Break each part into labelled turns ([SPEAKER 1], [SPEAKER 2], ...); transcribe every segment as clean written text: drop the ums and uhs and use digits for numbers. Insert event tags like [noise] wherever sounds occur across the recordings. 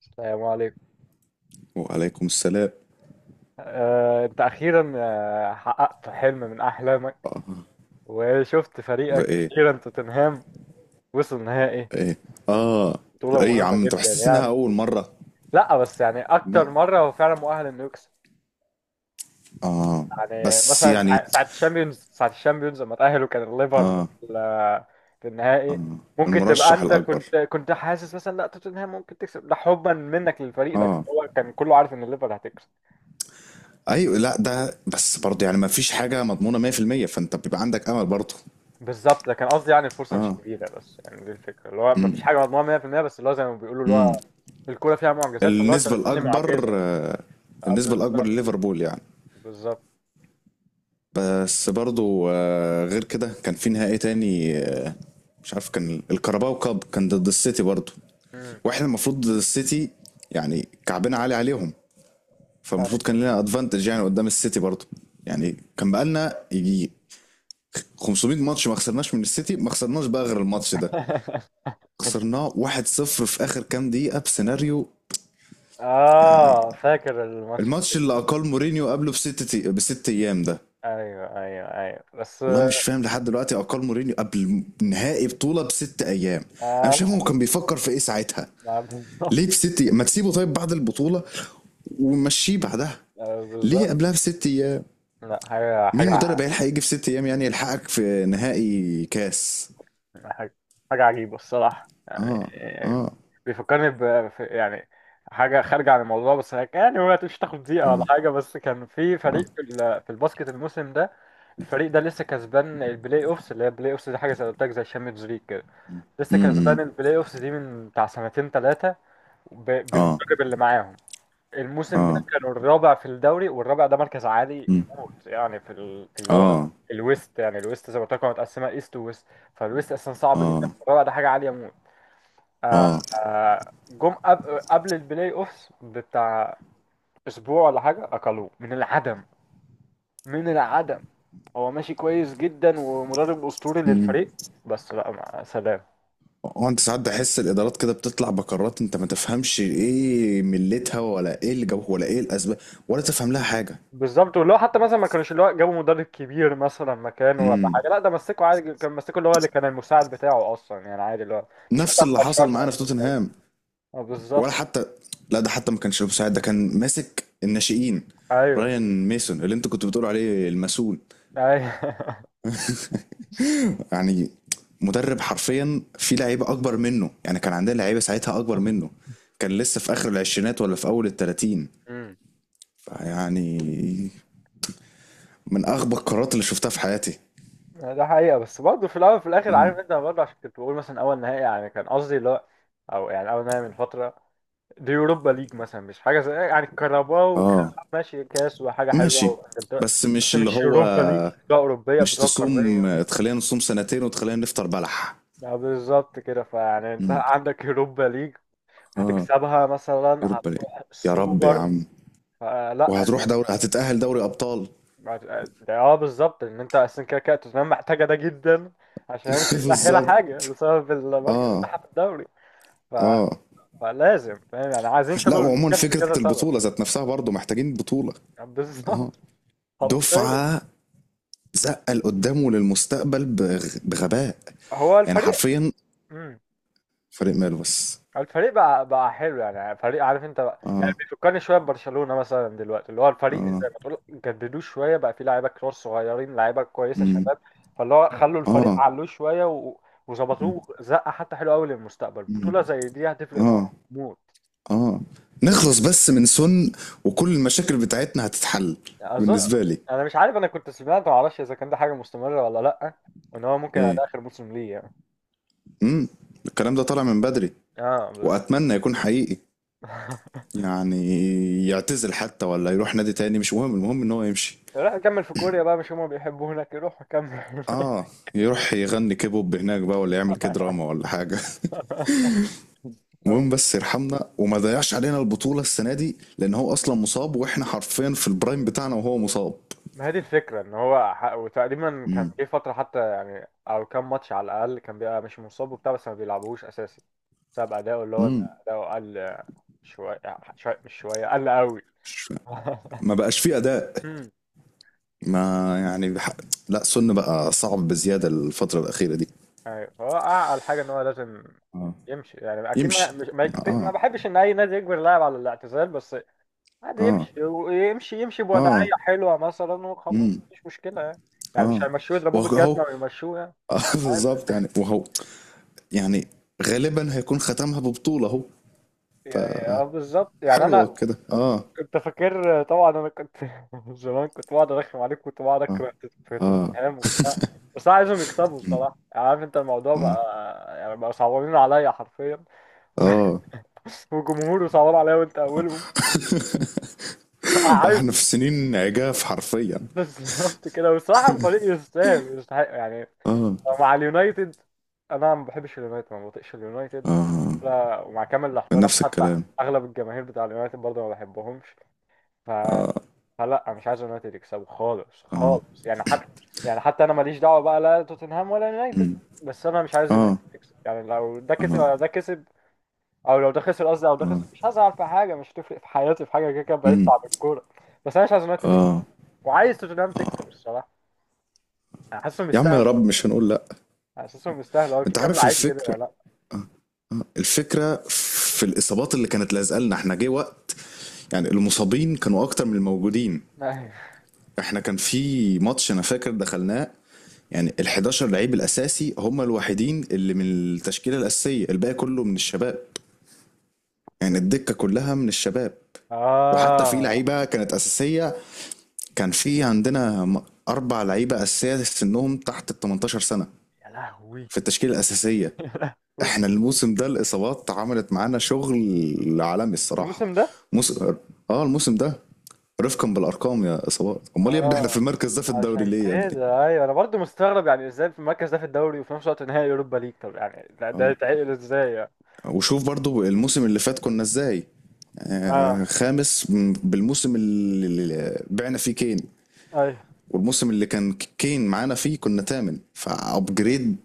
[SPEAKER 1] السلام عليكم.
[SPEAKER 2] وعليكم السلام.
[SPEAKER 1] انت اخيرا حققت حلم من احلامك وشفت فريقك
[SPEAKER 2] وايه؟
[SPEAKER 1] اخيرا توتنهام وصل نهائي،
[SPEAKER 2] ايه. اه.
[SPEAKER 1] بطولة
[SPEAKER 2] اي يا
[SPEAKER 1] مهمة
[SPEAKER 2] عم، انت
[SPEAKER 1] جدا
[SPEAKER 2] حاسس انها
[SPEAKER 1] يعني.
[SPEAKER 2] اول مره؟
[SPEAKER 1] لا بس يعني
[SPEAKER 2] ما
[SPEAKER 1] اكتر مرة هو فعلا مؤهل انه يكسب.
[SPEAKER 2] اه،
[SPEAKER 1] يعني
[SPEAKER 2] بس
[SPEAKER 1] مثلا
[SPEAKER 2] يعني
[SPEAKER 1] ساعة ساعة الشامبيونز لما تأهلوا كان الليفر هو
[SPEAKER 2] اه،
[SPEAKER 1] في النهائي. ممكن تبقى
[SPEAKER 2] المرشح
[SPEAKER 1] انت
[SPEAKER 2] الاكبر.
[SPEAKER 1] كنت حاسس مثلا لا توتنهام ممكن تكسب، ده حبا منك للفريق، لكن
[SPEAKER 2] اه،
[SPEAKER 1] هو كان كله عارف ان الليفر هتكسب.
[SPEAKER 2] ايوه. لا ده بس برضه يعني ما فيش حاجه مضمونه 100%، فانت بيبقى عندك امل برضه.
[SPEAKER 1] بالظبط، لكن قصدي يعني الفرصه مش
[SPEAKER 2] اه.
[SPEAKER 1] كبيره، بس يعني دي الفكره اللي هو ما فيش حاجه مضمونه 100%، بس اللي هو زي ما بيقولوا اللي
[SPEAKER 2] امم.
[SPEAKER 1] هو الكوره فيها معجزات، فاللي هو انت
[SPEAKER 2] النسبه
[SPEAKER 1] بتستني
[SPEAKER 2] الاكبر،
[SPEAKER 1] معجزه.
[SPEAKER 2] آه،. النسبه الاكبر
[SPEAKER 1] بالظبط.
[SPEAKER 2] لليفربول يعني.
[SPEAKER 1] بالظبط.
[SPEAKER 2] بس برضو آه، غير كده كان في نهائي تاني آه،. مش عارف، كان الكاراباو كاب كان ضد السيتي برضو.
[SPEAKER 1] امم.
[SPEAKER 2] واحنا المفروض ضد السيتي، يعني كعبنا عالي عليهم. فالمفروض
[SPEAKER 1] طيب.
[SPEAKER 2] كان لنا ادفانتج يعني قدام السيتي برضو. يعني كان بقالنا يجي 500 ماتش ما خسرناش من السيتي، ما خسرناش بقى غير الماتش ده.
[SPEAKER 1] [laughs]
[SPEAKER 2] خسرناه 1-0 في اخر كام دقيقة بسيناريو يعني.
[SPEAKER 1] اه، فاكر الماتش.
[SPEAKER 2] الماتش اللي اقل مورينيو قبله بست ايام ده.
[SPEAKER 1] ايوه ايوه ايوه بس.
[SPEAKER 2] والله مش فاهم لحد دلوقتي اقال مورينيو قبل نهائي بطوله بست ايام. انا مش فاهم هو
[SPEAKER 1] آه.
[SPEAKER 2] كان بيفكر في ايه ساعتها.
[SPEAKER 1] لا ما [laughs]
[SPEAKER 2] ليه
[SPEAKER 1] بالظبط.
[SPEAKER 2] بست أيام؟ ما تسيبه طيب بعد البطوله ومشيه بعدها. ليه
[SPEAKER 1] بالظبط.
[SPEAKER 2] قبلها بست ايام؟
[SPEAKER 1] لا حاجه
[SPEAKER 2] مين
[SPEAKER 1] حاجه
[SPEAKER 2] مدرب هيلحق يجي في ست ايام يعني يلحقك في نهائي كاس؟
[SPEAKER 1] حاجة حاجة عجيبة الصراحة يعني.
[SPEAKER 2] اه. اه.
[SPEAKER 1] بيفكرني يعني حاجة خارجة عن الموضوع، بس يعني ما تمشي تاخد دقيقة ولا
[SPEAKER 2] اه.
[SPEAKER 1] حاجة. بس كان في
[SPEAKER 2] اه.
[SPEAKER 1] فريق في في الباسكت الموسم ده. الفريق ده لسه كسبان البلاي اوفس، اللي هي البلاي اوفس دي حاجة زي ما قلت لك زي الشامبيونز ليج كده. لسه كسبان
[SPEAKER 2] امم.
[SPEAKER 1] البلاي اوفس دي من بتاع سنتين ثلاثة
[SPEAKER 2] اه.
[SPEAKER 1] بالمدرب اللي معاهم. الموسم ده
[SPEAKER 2] اه.
[SPEAKER 1] كانوا الرابع في الدوري، والرابع ده مركز عالي
[SPEAKER 2] امم.
[SPEAKER 1] موت يعني في ال... في اللي هو
[SPEAKER 2] اه.
[SPEAKER 1] الويست. يعني الويست زي ما قلت لكم متقسمه ايست وويست، فالويست اصلا صعب جدا،
[SPEAKER 2] اه.
[SPEAKER 1] الرابع ده حاجه عاليه موت. آه... جم قبل البلاي اوفس بتاع اسبوع ولا حاجه، اكلوه من العدم، من العدم. هو ماشي كويس جدا ومدرب اسطوري
[SPEAKER 2] اه.
[SPEAKER 1] للفريق، بس لا، مع سلام.
[SPEAKER 2] هو انت ساعات بحس الادارات كده بتطلع بقرارات انت ما تفهمش ايه ملتها، ولا ايه اللي جابه، ولا ايه الاسباب، ولا تفهم لها حاجه.
[SPEAKER 1] بالظبط، واللي هو حتى مثلا ما كانوش اللي هو جابوا مدرب كبير مثلا مكانه ولا
[SPEAKER 2] امم.
[SPEAKER 1] حاجه، لا ده مسكه عادي، كان مسكه اللي هو اللي كان المساعد بتاعه اصلا يعني عادي، اللي هو مش
[SPEAKER 2] نفس
[SPEAKER 1] مثلا
[SPEAKER 2] اللي
[SPEAKER 1] مشاه
[SPEAKER 2] حصل
[SPEAKER 1] عشان
[SPEAKER 2] معانا في
[SPEAKER 1] يجيب مدرب.
[SPEAKER 2] توتنهام.
[SPEAKER 1] اه
[SPEAKER 2] ولا
[SPEAKER 1] بالظبط.
[SPEAKER 2] حتى، لا ده حتى ما كانش مساعد، ده كان ماسك الناشئين.
[SPEAKER 1] ايوه
[SPEAKER 2] رايان ميسون اللي انت كنت بتقول عليه المسؤول
[SPEAKER 1] ايوه.
[SPEAKER 2] يعني، مدرب حرفيا في لعيبه اكبر منه. يعني كان عندنا لعيبه ساعتها اكبر منه،
[SPEAKER 1] [laughs]
[SPEAKER 2] كان لسه في اخر العشرينات ولا في اول التلاتين.
[SPEAKER 1] امم.
[SPEAKER 2] فيعني من اغبى القرارات اللي شفتها في حياتي.
[SPEAKER 1] ده حقيقه، بس برضه في الاول وفي الاخر،
[SPEAKER 2] آه.
[SPEAKER 1] عارف انت برضه عشان كنت بقول مثلا اول نهائي، يعني كان قصدي اللي هو او يعني اول نهائي من فتره، دي يوروبا ليج مثلا مش حاجه زي يعني كهرباء وكده،
[SPEAKER 2] اه.
[SPEAKER 1] ماشي كاس وحاجه حلوه
[SPEAKER 2] ماشي.
[SPEAKER 1] وإنجلترا،
[SPEAKER 2] بس مش
[SPEAKER 1] بس
[SPEAKER 2] اللي
[SPEAKER 1] مش
[SPEAKER 2] هو،
[SPEAKER 1] يوروبا ليج بطوله اوروبيه
[SPEAKER 2] مش
[SPEAKER 1] بطوله
[SPEAKER 2] تصوم.
[SPEAKER 1] قاريه.
[SPEAKER 2] تخلينا نصوم سنتين وتخلينا نفطر بلح.
[SPEAKER 1] اه بالظبط كده، فيعني انت
[SPEAKER 2] امم.
[SPEAKER 1] عندك يوروبا ليج
[SPEAKER 2] اه.
[SPEAKER 1] هتكسبها مثلا
[SPEAKER 2] يوروبا ليج.
[SPEAKER 1] هتروح
[SPEAKER 2] يا رب يا
[SPEAKER 1] السوبر.
[SPEAKER 2] عم.
[SPEAKER 1] فلا،
[SPEAKER 2] وهتروح دوري، هتتأهل دوري أبطال.
[SPEAKER 1] ده اه بالظبط ان انت اصلا كده كده توتنهام محتاجه ده جدا عشان هي مش
[SPEAKER 2] [laughs]
[SPEAKER 1] متاهله
[SPEAKER 2] بالظبط.
[SPEAKER 1] حاجه بسبب المركز
[SPEAKER 2] اه.
[SPEAKER 1] بتاعها في الدوري. ف...
[SPEAKER 2] اه.
[SPEAKER 1] فلازم فاهم يعني عايزين
[SPEAKER 2] لا،
[SPEAKER 1] يكسبوا
[SPEAKER 2] وعموما
[SPEAKER 1] الكاس
[SPEAKER 2] فكرة
[SPEAKER 1] لكذا سبب.
[SPEAKER 2] البطولة ذات نفسها برضو محتاجين بطولة. اه.
[SPEAKER 1] بالظبط. حرفيا.
[SPEAKER 2] دفعة، زقل قدامه للمستقبل بغباء.
[SPEAKER 1] هو
[SPEAKER 2] يعني
[SPEAKER 1] الفريق،
[SPEAKER 2] حرفيا فريق ماله بس.
[SPEAKER 1] الفريق بقى حلو، يعني فريق عارف انت بقى يعني
[SPEAKER 2] اه.
[SPEAKER 1] بيفكرني شويه ببرشلونه مثلا دلوقتي، اللي هو الفريق
[SPEAKER 2] اه.
[SPEAKER 1] زي ما تقول جددوه شويه، بقى فيه لعيبه كتير صغيرين، لعيبه كويسه
[SPEAKER 2] امم.
[SPEAKER 1] شباب. فاللي هو خلوا الفريق
[SPEAKER 2] اه.
[SPEAKER 1] علوه شويه و...
[SPEAKER 2] امم.
[SPEAKER 1] وظبطوه، زقه حتى حلوه قوي للمستقبل.
[SPEAKER 2] امم.
[SPEAKER 1] بطوله زي دي هتفرق معاهم
[SPEAKER 2] آه.
[SPEAKER 1] موت.
[SPEAKER 2] اه. نخلص بس من سن وكل المشاكل بتاعتنا هتتحل.
[SPEAKER 1] اظن.
[SPEAKER 2] بالنسبة لي.
[SPEAKER 1] انا مش عارف، انا كنت سمعت، ما اعرفش اذا كان ده حاجه مستمره ولا لا، وان هو ممكن على
[SPEAKER 2] ايه.
[SPEAKER 1] اخر موسم ليه يعني.
[SPEAKER 2] امم. الكلام ده طالع من بدري،
[SPEAKER 1] اه بالظبط.
[SPEAKER 2] واتمنى يكون حقيقي.
[SPEAKER 1] [laughs]
[SPEAKER 2] يعني يعتزل حتى ولا يروح نادي تاني مش مهم، المهم ان هو يمشي.
[SPEAKER 1] روح كمل في كوريا بقى، مش هما بيحبوا هناك، روح كمل.
[SPEAKER 2] اه. يروح يغني كيبوب هناك بقى، ولا يعمل كده دراما ولا حاجة. [laughs] المهم
[SPEAKER 1] [laughs]
[SPEAKER 2] بس يرحمنا وما ضيعش علينا البطولة السنة دي، لان هو اصلا مصاب واحنا حرفيا في البرايم بتاعنا وهو مصاب.
[SPEAKER 1] ما هي دي الفكرة، ان هو وتقريبا كان
[SPEAKER 2] امم.
[SPEAKER 1] جه فترة حتى يعني، او كام ماتش على الاقل كان بيبقى مش مصاب وبتاع، بس ما بيلعبوهوش اساسي بسبب اداؤه، اللي هو إن
[SPEAKER 2] امم.
[SPEAKER 1] اداؤه قل شوية، مش شوية، قل قوي. [laughs]
[SPEAKER 2] ما بقاش فيه اداء.
[SPEAKER 1] امم.
[SPEAKER 2] ما يعني لا، سن بقى صعب بزيادة الفترة الأخيرة دي.
[SPEAKER 1] ايوه، هو اعقل حاجة ان هو لازم
[SPEAKER 2] اه.
[SPEAKER 1] يمشي، يعني اكيد ما
[SPEAKER 2] يمشي.
[SPEAKER 1] مش ما, يكت... ما
[SPEAKER 2] اه.
[SPEAKER 1] بحبش ان اي نادي يجبر لاعب على الاعتزال، بس عادي
[SPEAKER 2] اه.
[SPEAKER 1] يمشي، ويمشي
[SPEAKER 2] اه.
[SPEAKER 1] بوضعية حلوة مثلا وخلاص
[SPEAKER 2] امم.
[SPEAKER 1] مش مشكلة يعني. يعني مش
[SPEAKER 2] اه.
[SPEAKER 1] هيمشوه يضربوه
[SPEAKER 2] وهو،
[SPEAKER 1] بالجزمة ويمشوه يعني.
[SPEAKER 2] آه، [laughs]
[SPEAKER 1] عادي.
[SPEAKER 2] بالظبط يعني. وهو يعني غالبا هيكون ختمها ببطولة اهو.
[SPEAKER 1] يعني اه بالظبط يعني،
[SPEAKER 2] حلوة
[SPEAKER 1] انا
[SPEAKER 2] كده. اه.
[SPEAKER 1] انت فاكر طبعا، انا كنت [laughs] زمان كنت بقعد ارخم عليك، كنت بقعد
[SPEAKER 2] اه.
[SPEAKER 1] اكره في
[SPEAKER 2] اه.
[SPEAKER 1] توتنهام وبتاع، بس انا عايزهم يكسبوا الصراحه، يعني عارف انت الموضوع
[SPEAKER 2] اه.
[SPEAKER 1] بقى يعني بقى صعبانين عليا حرفيا.
[SPEAKER 2] اه.
[SPEAKER 1] [laughs] وجمهوري صعبان عليا وانت اولهم. [laughs] عايز.
[SPEAKER 2] واحنا في سنين عجاف حرفيا.
[SPEAKER 1] بالظبط كده، والصراحه الفريق يستاهل ويستحق يعني،
[SPEAKER 2] اه.
[SPEAKER 1] مع اليونايتد. انا ما بحبش اليونايتد، ما بطيقش اليونايتد،
[SPEAKER 2] اه.
[SPEAKER 1] لا، ومع كامل
[SPEAKER 2] آه.
[SPEAKER 1] الاحترام
[SPEAKER 2] نفس
[SPEAKER 1] حتى
[SPEAKER 2] الكلام.
[SPEAKER 1] اغلب الجماهير بتاع اليونايتد برضه ما بحبهمش. ف
[SPEAKER 2] اه.
[SPEAKER 1] لا مش عايز يونايتد يكسبوا خالص
[SPEAKER 2] اه.
[SPEAKER 1] خالص يعني. حتى يعني حتى انا ماليش دعوه بقى لا توتنهام ولا يونايتد،
[SPEAKER 2] امم.
[SPEAKER 1] بس انا مش عايز يونايتد
[SPEAKER 2] اه.
[SPEAKER 1] تكسب. يعني لو ده كسب
[SPEAKER 2] اه.
[SPEAKER 1] او ده كسب، او لو ده خسر قصدي او ده
[SPEAKER 2] اه.
[SPEAKER 1] خسر، مش هزعل في حاجه، مش هتفرق في حياتي في حاجه كده كده، بعيد
[SPEAKER 2] امم.
[SPEAKER 1] عن الكوره. بس انا مش عايز يونايتد تكسب،
[SPEAKER 2] اه.
[SPEAKER 1] وعايز توتنهام
[SPEAKER 2] اه.
[SPEAKER 1] تكسب الصراحه. انا حاسسهم
[SPEAKER 2] يا عم يا
[SPEAKER 1] يستاهلوا.
[SPEAKER 2] رب، مش هنقول لا.
[SPEAKER 1] حاسسهم يستاهلوا. هو في
[SPEAKER 2] انت
[SPEAKER 1] كام
[SPEAKER 2] عارف
[SPEAKER 1] لعيب كده
[SPEAKER 2] الفكره،
[SPEAKER 1] ولا
[SPEAKER 2] الفكره في الاصابات اللي كانت لازقه لنا. احنا جه وقت يعني المصابين كانوا اكتر من الموجودين.
[SPEAKER 1] لا.
[SPEAKER 2] احنا كان في ماتش انا فاكر دخلناه، يعني ال 11 لعيب الاساسي هم الوحيدين اللي من التشكيله الاساسيه، الباقي كله من الشباب. يعني
[SPEAKER 1] [laughs]
[SPEAKER 2] الدكه كلها من الشباب. وحتى في
[SPEAKER 1] اه.
[SPEAKER 2] لعيبه كانت اساسيه، كان في عندنا اربع لعيبه اساسيه سنهم تحت ال 18 سنه
[SPEAKER 1] يا لهوي.
[SPEAKER 2] في التشكيله الاساسيه.
[SPEAKER 1] [laughs] يا لهوي.
[SPEAKER 2] احنا الموسم ده الاصابات عملت معانا شغل عالمي الصراحه.
[SPEAKER 1] الموسم ده.
[SPEAKER 2] موسم، اه الموسم ده. رفقا بالارقام يا اصابات، امال يا ابني احنا في
[SPEAKER 1] اه
[SPEAKER 2] المركز ده في الدوري
[SPEAKER 1] عشان
[SPEAKER 2] ليه يا ابني؟
[SPEAKER 1] كده ايوه انا برضو مستغرب، يعني ازاي في المركز ده في الدوري وفي نفس الوقت نهائي اوروبا ليج، طب يعني ده ده
[SPEAKER 2] اه.
[SPEAKER 1] يتعقل ازاي يعني.
[SPEAKER 2] وشوف برضو الموسم اللي فات كنا ازاي. آه،
[SPEAKER 1] اه.
[SPEAKER 2] خامس بالموسم اللي اللي بعنا فيه كين.
[SPEAKER 1] ايوه.
[SPEAKER 2] والموسم اللي كان كين معانا فيه كنا تامن فابجريد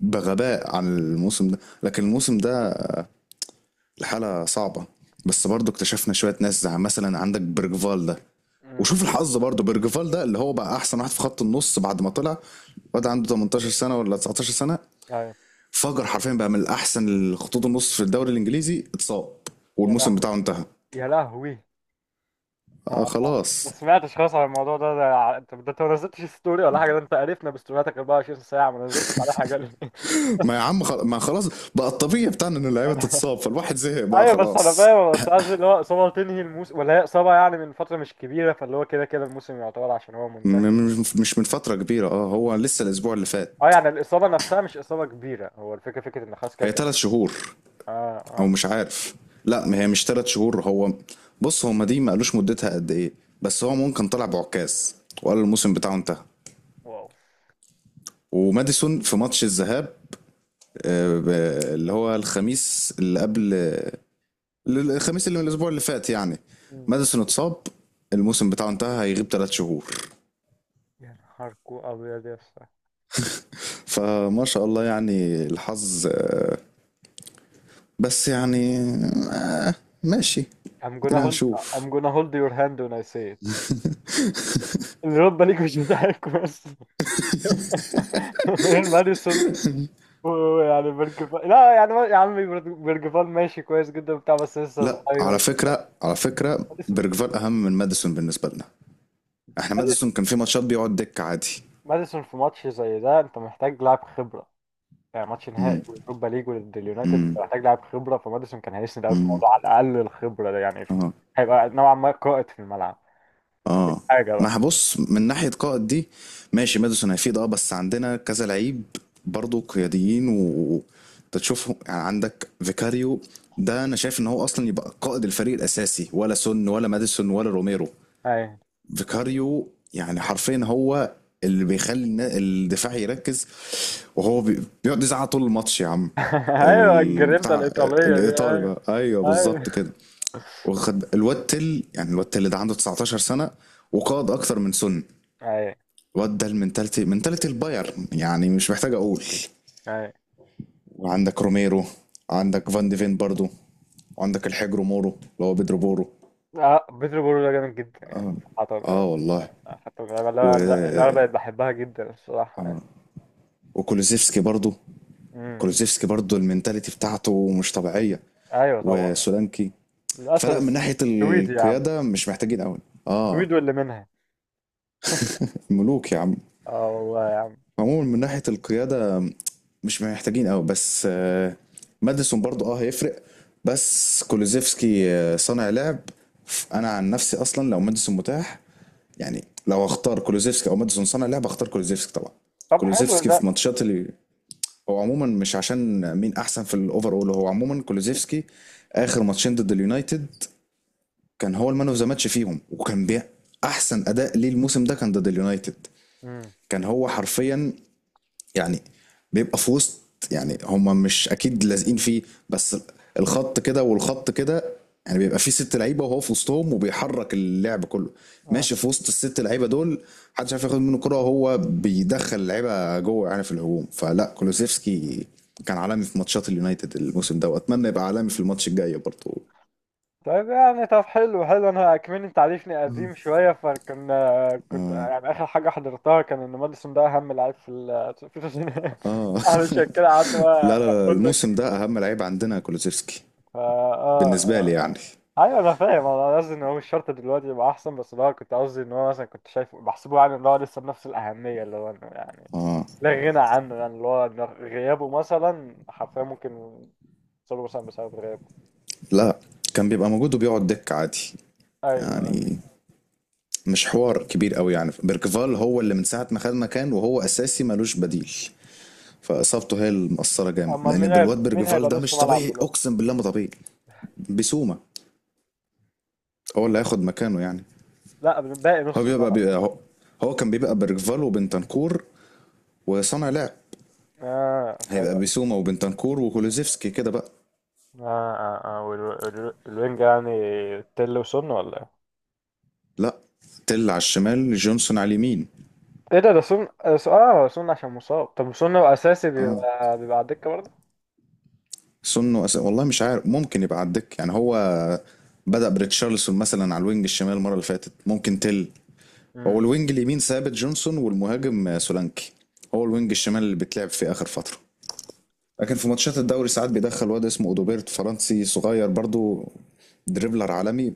[SPEAKER 2] بغباء عن الموسم ده، لكن الموسم ده الحاله صعبه. بس برضو اكتشفنا شويه ناس، زي مثلا عندك برجفال ده.
[SPEAKER 1] امم.
[SPEAKER 2] وشوف الحظ برضه، بيرجفال ده اللي هو بقى احسن واحد في خط النص بعد ما طلع. واد عنده 18 سنه ولا 19 سنه،
[SPEAKER 1] ايوه.
[SPEAKER 2] فجر حرفيا بقى من احسن خطوط النص في الدوري الانجليزي. اتصاب
[SPEAKER 1] يا
[SPEAKER 2] والموسم
[SPEAKER 1] لهوي.
[SPEAKER 2] بتاعه انتهى.
[SPEAKER 1] يا لهوي. آه.
[SPEAKER 2] آه
[SPEAKER 1] آه. ما
[SPEAKER 2] خلاص.
[SPEAKER 1] سمعتش خالص عن الموضوع ده، انت ده انت ما نزلتش ستوري ولا حاجه، ده انت قرفنا بستورياتك 24 ساعه، ما نزلتش على حاجه ليه؟
[SPEAKER 2] ما يا عم ما خلاص، بقى الطبيعي بتاعنا ان اللعيبه
[SPEAKER 1] [laughs]
[SPEAKER 2] تتصاب فالواحد زهق بقى
[SPEAKER 1] ايوه بس انا
[SPEAKER 2] خلاص.
[SPEAKER 1] فاهم، بس قصدي اللي هو اصابه تنهي الموسم، ولا هي اصابه يعني من فتره مش كبيره، فاللي هو كده كده الموسم يعتبر عشان هو منتهي.
[SPEAKER 2] مش من فتره كبيره، اه هو لسه الاسبوع اللي
[SPEAKER 1] اه
[SPEAKER 2] فات.
[SPEAKER 1] يعني الإصابة نفسها مش إصابة كبيرة، هو الفكرة فكرة إن خلاص كده
[SPEAKER 2] هي
[SPEAKER 1] كده.
[SPEAKER 2] ثلاث شهور
[SPEAKER 1] اه.
[SPEAKER 2] او
[SPEAKER 1] اه.
[SPEAKER 2] مش عارف. لا، ما هي مش ثلاث شهور هو، بص هما دي ما قالوش مدتها قد ايه، بس هو ممكن طلع بعكاز وقال الموسم بتاعه انتهى.
[SPEAKER 1] واو.
[SPEAKER 2] وماديسون في ماتش الذهاب، آه، ب- اللي هو الخميس اللي قبل، الخميس اللي من الاسبوع اللي فات يعني.
[SPEAKER 1] مم.
[SPEAKER 2] ماديسون اتصاب، الموسم بتاعه انتهى، هيغيب ثلاث شهور.
[SPEAKER 1] يا نهاركو أبيض يا اسطى.
[SPEAKER 2] فما شاء الله يعني الحظ آه،. بس يعني آه،. ماشي.
[SPEAKER 1] I'm gonna
[SPEAKER 2] ادينا
[SPEAKER 1] hold I'm
[SPEAKER 2] هنشوف.
[SPEAKER 1] gonna hold your hand when I say it. الرد ليك مش بتاعك بس. [laughs] غير ماديسون. ويعني بيرج فال، لا يعني يا عمي بيرج فال ماشي كويس جدا وبتاع، بس لسه
[SPEAKER 2] لا
[SPEAKER 1] صغير.
[SPEAKER 2] على فكرة، على فكرة
[SPEAKER 1] ماديسون.
[SPEAKER 2] بيرجفال أهم من ماديسون بالنسبة لنا. احنا
[SPEAKER 1] ماديسون.
[SPEAKER 2] ماديسون كان في ماتشات بيقعد دك عادي.
[SPEAKER 1] ماديسون في ماتش زي ده انت محتاج لاعب خبرة، يعني ماتش
[SPEAKER 2] امم.
[SPEAKER 1] نهائي اوروبا ليج ضد اليونايتد
[SPEAKER 2] امم.
[SPEAKER 1] محتاج لاعب خبره، فماديسون كان هيسند قوي في
[SPEAKER 2] امم.
[SPEAKER 1] الموضوع على الاقل الخبره ده يعني.
[SPEAKER 2] اه.
[SPEAKER 1] هيبقى نوعا ما قائد في الملعب،
[SPEAKER 2] اه.
[SPEAKER 1] حاجه
[SPEAKER 2] ما
[SPEAKER 1] بقى.
[SPEAKER 2] هبص من ناحية قائد دي، ماشي ماديسون هيفيد اه، بس عندنا كذا لعيب برضه قياديين، و أنت تشوفهم. يعني عندك فيكاريو، ده انا شايف ان هو اصلا يبقى قائد الفريق الاساسي، ولا سون ولا ماديسون ولا روميرو.
[SPEAKER 1] ايوه.
[SPEAKER 2] فيكاريو يعني حرفيا هو اللي بيخلي الدفاع يركز، وهو بيقعد يزعق طول الماتش يا عم.
[SPEAKER 1] [laughs] ايوه
[SPEAKER 2] ال-
[SPEAKER 1] الجرينتا
[SPEAKER 2] بتاع.
[SPEAKER 1] الايطاليه دي.
[SPEAKER 2] الايطالي
[SPEAKER 1] ايوه.
[SPEAKER 2] بقى، ايوه
[SPEAKER 1] ايوه
[SPEAKER 2] بالظبط كده. وخد الواد تل، يعني الواد تل ده عنده 19 سنه وقاد اكتر من سن.
[SPEAKER 1] ايوه
[SPEAKER 2] الواد ده المنتاليتي، منتاليتي البايرن يعني مش محتاج اقول.
[SPEAKER 1] ايوه.
[SPEAKER 2] وعندك روميرو، عندك فان ديفين برضو، وعندك الحجر مورو اللي هو بيدرو بورو.
[SPEAKER 1] اه بيترو بورو ده جامد جدا يعني.
[SPEAKER 2] اه.
[SPEAKER 1] حتى
[SPEAKER 2] اه والله.
[SPEAKER 1] حتى اللعبه اللي
[SPEAKER 2] و...
[SPEAKER 1] انا اللي أنا بقيت بحبها جدا الصراحه يعني.
[SPEAKER 2] وكولوزيفسكي برضو.
[SPEAKER 1] امم.
[SPEAKER 2] كولوزيفسكي برضو المنتاليتي بتاعته مش طبيعيه.
[SPEAKER 1] ايوه طبعا.
[SPEAKER 2] وسولانكي.
[SPEAKER 1] الاسد
[SPEAKER 2] فلا من ناحية
[SPEAKER 1] السويدي يا عم.
[SPEAKER 2] القيادة مش محتاجين قوي. اه.
[SPEAKER 1] السويد واللي منها.
[SPEAKER 2] ملوك يا عم.
[SPEAKER 1] اه والله يا عم.
[SPEAKER 2] عموما من ناحية القيادة مش محتاجين قوي، بس آه ماديسون برضو اه هيفرق. بس كولوزيفسكي آه، صانع لعب. انا عن نفسي اصلا لو ماديسون متاح، يعني لو اختار كولوزيفسكي او ماديسون صانع لعب اختار كولوزيفسكي طبعا.
[SPEAKER 1] طب حلو
[SPEAKER 2] كولوزيفسكي
[SPEAKER 1] ده.
[SPEAKER 2] في ماتشات اللي هو، عموما مش عشان مين احسن في الاوفر اول، هو عموما كولوزيفسكي. اخر ماتشين ضد اليونايتد كان هو المان اوف ذا ماتش فيهم، وكان احسن اداء ليه الموسم ده كان ضد اليونايتد.
[SPEAKER 1] امم.
[SPEAKER 2] كان هو حرفيا يعني بيبقى في وسط، يعني هما مش اكيد لازقين فيه، بس الخط كده والخط كده، يعني بيبقى فيه ست لعيبه وهو في وسطهم وبيحرك اللعب كله. ماشي في وسط الست لعيبه دول محدش عارف ياخد منه كرة، وهو بيدخل اللعيبه جوه يعني في الهجوم. فلا كولوسيفسكي كان عالمي في ماتشات اليونايتد الموسم ده، واتمنى يبقى عالمي في الماتش الجاي برضه.
[SPEAKER 1] طيب يعني طب حلو حلو، انا كمان انت عارفني قديم شويه، فكان كنت
[SPEAKER 2] اه.
[SPEAKER 1] يعني اخر حاجه حضرتها كان ان ماديسون ده اهم لعيب في ال في التسعينات.
[SPEAKER 2] اه.
[SPEAKER 1] [laughs] علشان كده قعدت
[SPEAKER 2] [laughs] لا لا
[SPEAKER 1] بقى
[SPEAKER 2] لا
[SPEAKER 1] اقول لك.
[SPEAKER 2] الموسم ده اهم لعيب عندنا كولوسيفسكي
[SPEAKER 1] فا اه
[SPEAKER 2] بالنسبه لي يعني.
[SPEAKER 1] اه. اه ايوه انا فاهم، انا قصدي ان هو مش شرط دلوقتي يبقى احسن، بس اللي هو كنت قصدي ان هو مثلا كنت شايفه بحسبه يعني اللي هو لسه بنفس الاهميه، اللي هو انه يعني
[SPEAKER 2] اه.
[SPEAKER 1] لا غنى عنه، يعني اللي هو إن غيابه مثلا حرفيا ممكن يوصلوا مثلا بسبب غيابه.
[SPEAKER 2] لا كان بيبقى موجود وبيقعد دك عادي،
[SPEAKER 1] ايوه. أيوة.
[SPEAKER 2] يعني مش حوار كبير قوي. يعني بيركفال هو اللي من ساعه ما خد مكان وهو اساسي ملوش بديل، فاصابته هي اللي مأثره جامد،
[SPEAKER 1] امال
[SPEAKER 2] لان
[SPEAKER 1] مين
[SPEAKER 2] بالواد
[SPEAKER 1] هيبقى مين
[SPEAKER 2] بيركفال
[SPEAKER 1] هيبقى
[SPEAKER 2] ده
[SPEAKER 1] نص
[SPEAKER 2] مش
[SPEAKER 1] ملعب
[SPEAKER 2] طبيعي
[SPEAKER 1] دلوقتي.
[SPEAKER 2] اقسم بالله ما طبيعي. بسومه هو اللي هياخد مكانه يعني.
[SPEAKER 1] لا باقي
[SPEAKER 2] هو
[SPEAKER 1] نص
[SPEAKER 2] بيبقى,
[SPEAKER 1] طبعا.
[SPEAKER 2] بيبقى هو, هو كان بيبقى بيركفال وبنتنكور وصانع لعب.
[SPEAKER 1] اه.
[SPEAKER 2] هيبقى
[SPEAKER 1] أيوة.
[SPEAKER 2] بسومه وبنتنكور وكولوزيفسكي كده بقى.
[SPEAKER 1] اه اه اه والوينج يعني، تل وسن ولا ايه.
[SPEAKER 2] لا، تل على الشمال جونسون على اليمين.
[SPEAKER 1] ايه ده ده سن اه سن عشان مصاب، طب سن لو اساسي
[SPEAKER 2] اه،
[SPEAKER 1] بيبقى على الدكه برضه.
[SPEAKER 2] والله مش عارف ممكن يبقى على الدكة يعني. هو بدأ بريتشارلسون مثلا على الوينج الشمال المرة اللي فاتت، ممكن تل. هو
[SPEAKER 1] امم.
[SPEAKER 2] الوينج اليمين ثابت جونسون، والمهاجم آه، سولانكي. هو الوينج الشمال اللي بتلعب في آخر فترة، لكن في ماتشات الدوري ساعات بيدخل واد اسمه اودوبيرت، فرنسي صغير برضو، دريبلر عالمي.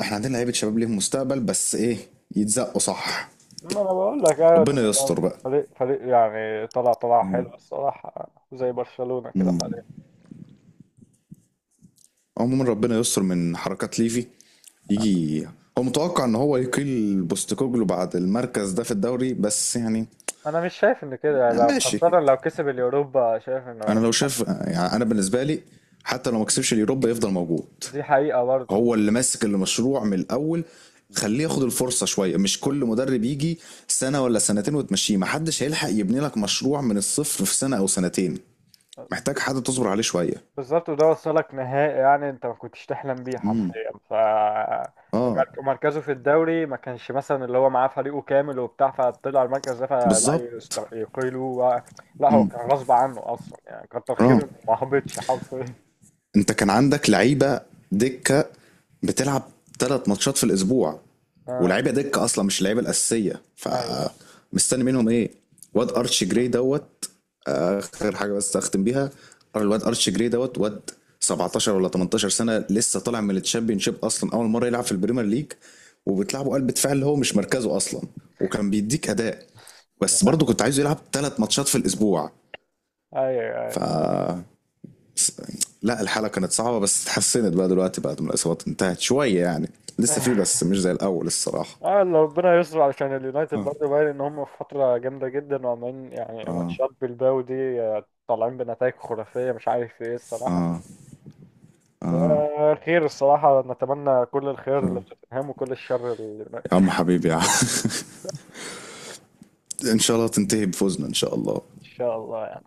[SPEAKER 2] احنا عندنا لعيبة شباب ليهم مستقبل بس ايه، يتزقوا صح.
[SPEAKER 1] ما انا بقول لك ايوه
[SPEAKER 2] ربنا يستر
[SPEAKER 1] طبعاً.
[SPEAKER 2] بقى.
[SPEAKER 1] فريق يعني طلع
[SPEAKER 2] آه.
[SPEAKER 1] حلو الصراحه زي برشلونه كده حاليا.
[SPEAKER 2] عموما ربنا يستر من حركات ليفي. يجي، هو متوقع ان هو يقيل بوستكوجلو بعد المركز ده في الدوري، بس يعني
[SPEAKER 1] انا مش شايف ان كده، لو
[SPEAKER 2] ماشي.
[SPEAKER 1] خاصه لو كسب اليوروبا شايف انه
[SPEAKER 2] انا لو شاف يعني، انا بالنسبه لي حتى لو ما كسبش اليوروبا يفضل موجود.
[SPEAKER 1] دي حقيقه
[SPEAKER 2] هو اللي ماسك المشروع من الاول،
[SPEAKER 1] برضه.
[SPEAKER 2] خليه ياخد الفرصه شويه. مش كل مدرب يجي سنه ولا سنتين وتمشيه. ما حدش هيلحق يبني لك مشروع من الصفر في سنه او سنتين، محتاج حد تصبر عليه شويه.
[SPEAKER 1] بالظبط، وده وصلك نهائي يعني انت ما كنتش تحلم بيه
[SPEAKER 2] امم.
[SPEAKER 1] حرفيا. ف
[SPEAKER 2] اه.
[SPEAKER 1] مركزه في الدوري ما كانش مثلا اللي هو معاه فريقه كامل وبتاع فطلع المركز ده، فلا
[SPEAKER 2] بالظبط.
[SPEAKER 1] يقيلوا. لا هو كان غصب عنه اصلا يعني كتر
[SPEAKER 2] اه.
[SPEAKER 1] خيره إنه ما هبطش حرفيا.
[SPEAKER 2] انت كان عندك لعيبه دكه بتلعب ثلاث ماتشات في الاسبوع،
[SPEAKER 1] اه.
[SPEAKER 2] ولعيبه دكه اصلا مش اللعيبه الاساسيه،
[SPEAKER 1] ايوه.
[SPEAKER 2] فمستني منهم ايه؟ واد ارتش جراي دوت، آه، اخر حاجه بس اختم بيها. الواد ارتش جراي دوت، واد 17 ولا 18 سنه، لسه طالع من التشامبيون شيب، اصلا اول مره يلعب في البريمير ليج، وبتلعبه قلب دفاع اللي هو مش مركزه اصلا. وكان بيديك اداء، بس
[SPEAKER 1] آه،
[SPEAKER 2] برضه كنت عايزه يلعب ثلاث ماتشات في الاسبوع.
[SPEAKER 1] ايوه
[SPEAKER 2] ف
[SPEAKER 1] ايوه.
[SPEAKER 2] بس- لا، الحالة كانت صعبة بس اتحسنت بقى دلوقتي بعد ما الإصابات انتهت شوية يعني. لسه في، بس
[SPEAKER 1] [laughs]
[SPEAKER 2] مش زي الأول الصراحة.
[SPEAKER 1] اه لو ربنا يستر، علشان اليونايتد
[SPEAKER 2] اه.
[SPEAKER 1] برضه باين ان هم في فتره جامده جدا، وعمالين يعني
[SPEAKER 2] اه.
[SPEAKER 1] ماتشات بالباو دي، طالعين بنتائج خرافيه مش عارف ايه الصراحه. خير الصراحة، نتمنى كل الخير
[SPEAKER 2] يا
[SPEAKER 1] لتوتنهام وكل الشر لليونايتد. [laughs] إن
[SPEAKER 2] عم حبيبي يا عم. [laughs] ان شاء الله تنتهي بفوزنا ان شاء الله.
[SPEAKER 1] شاء الله.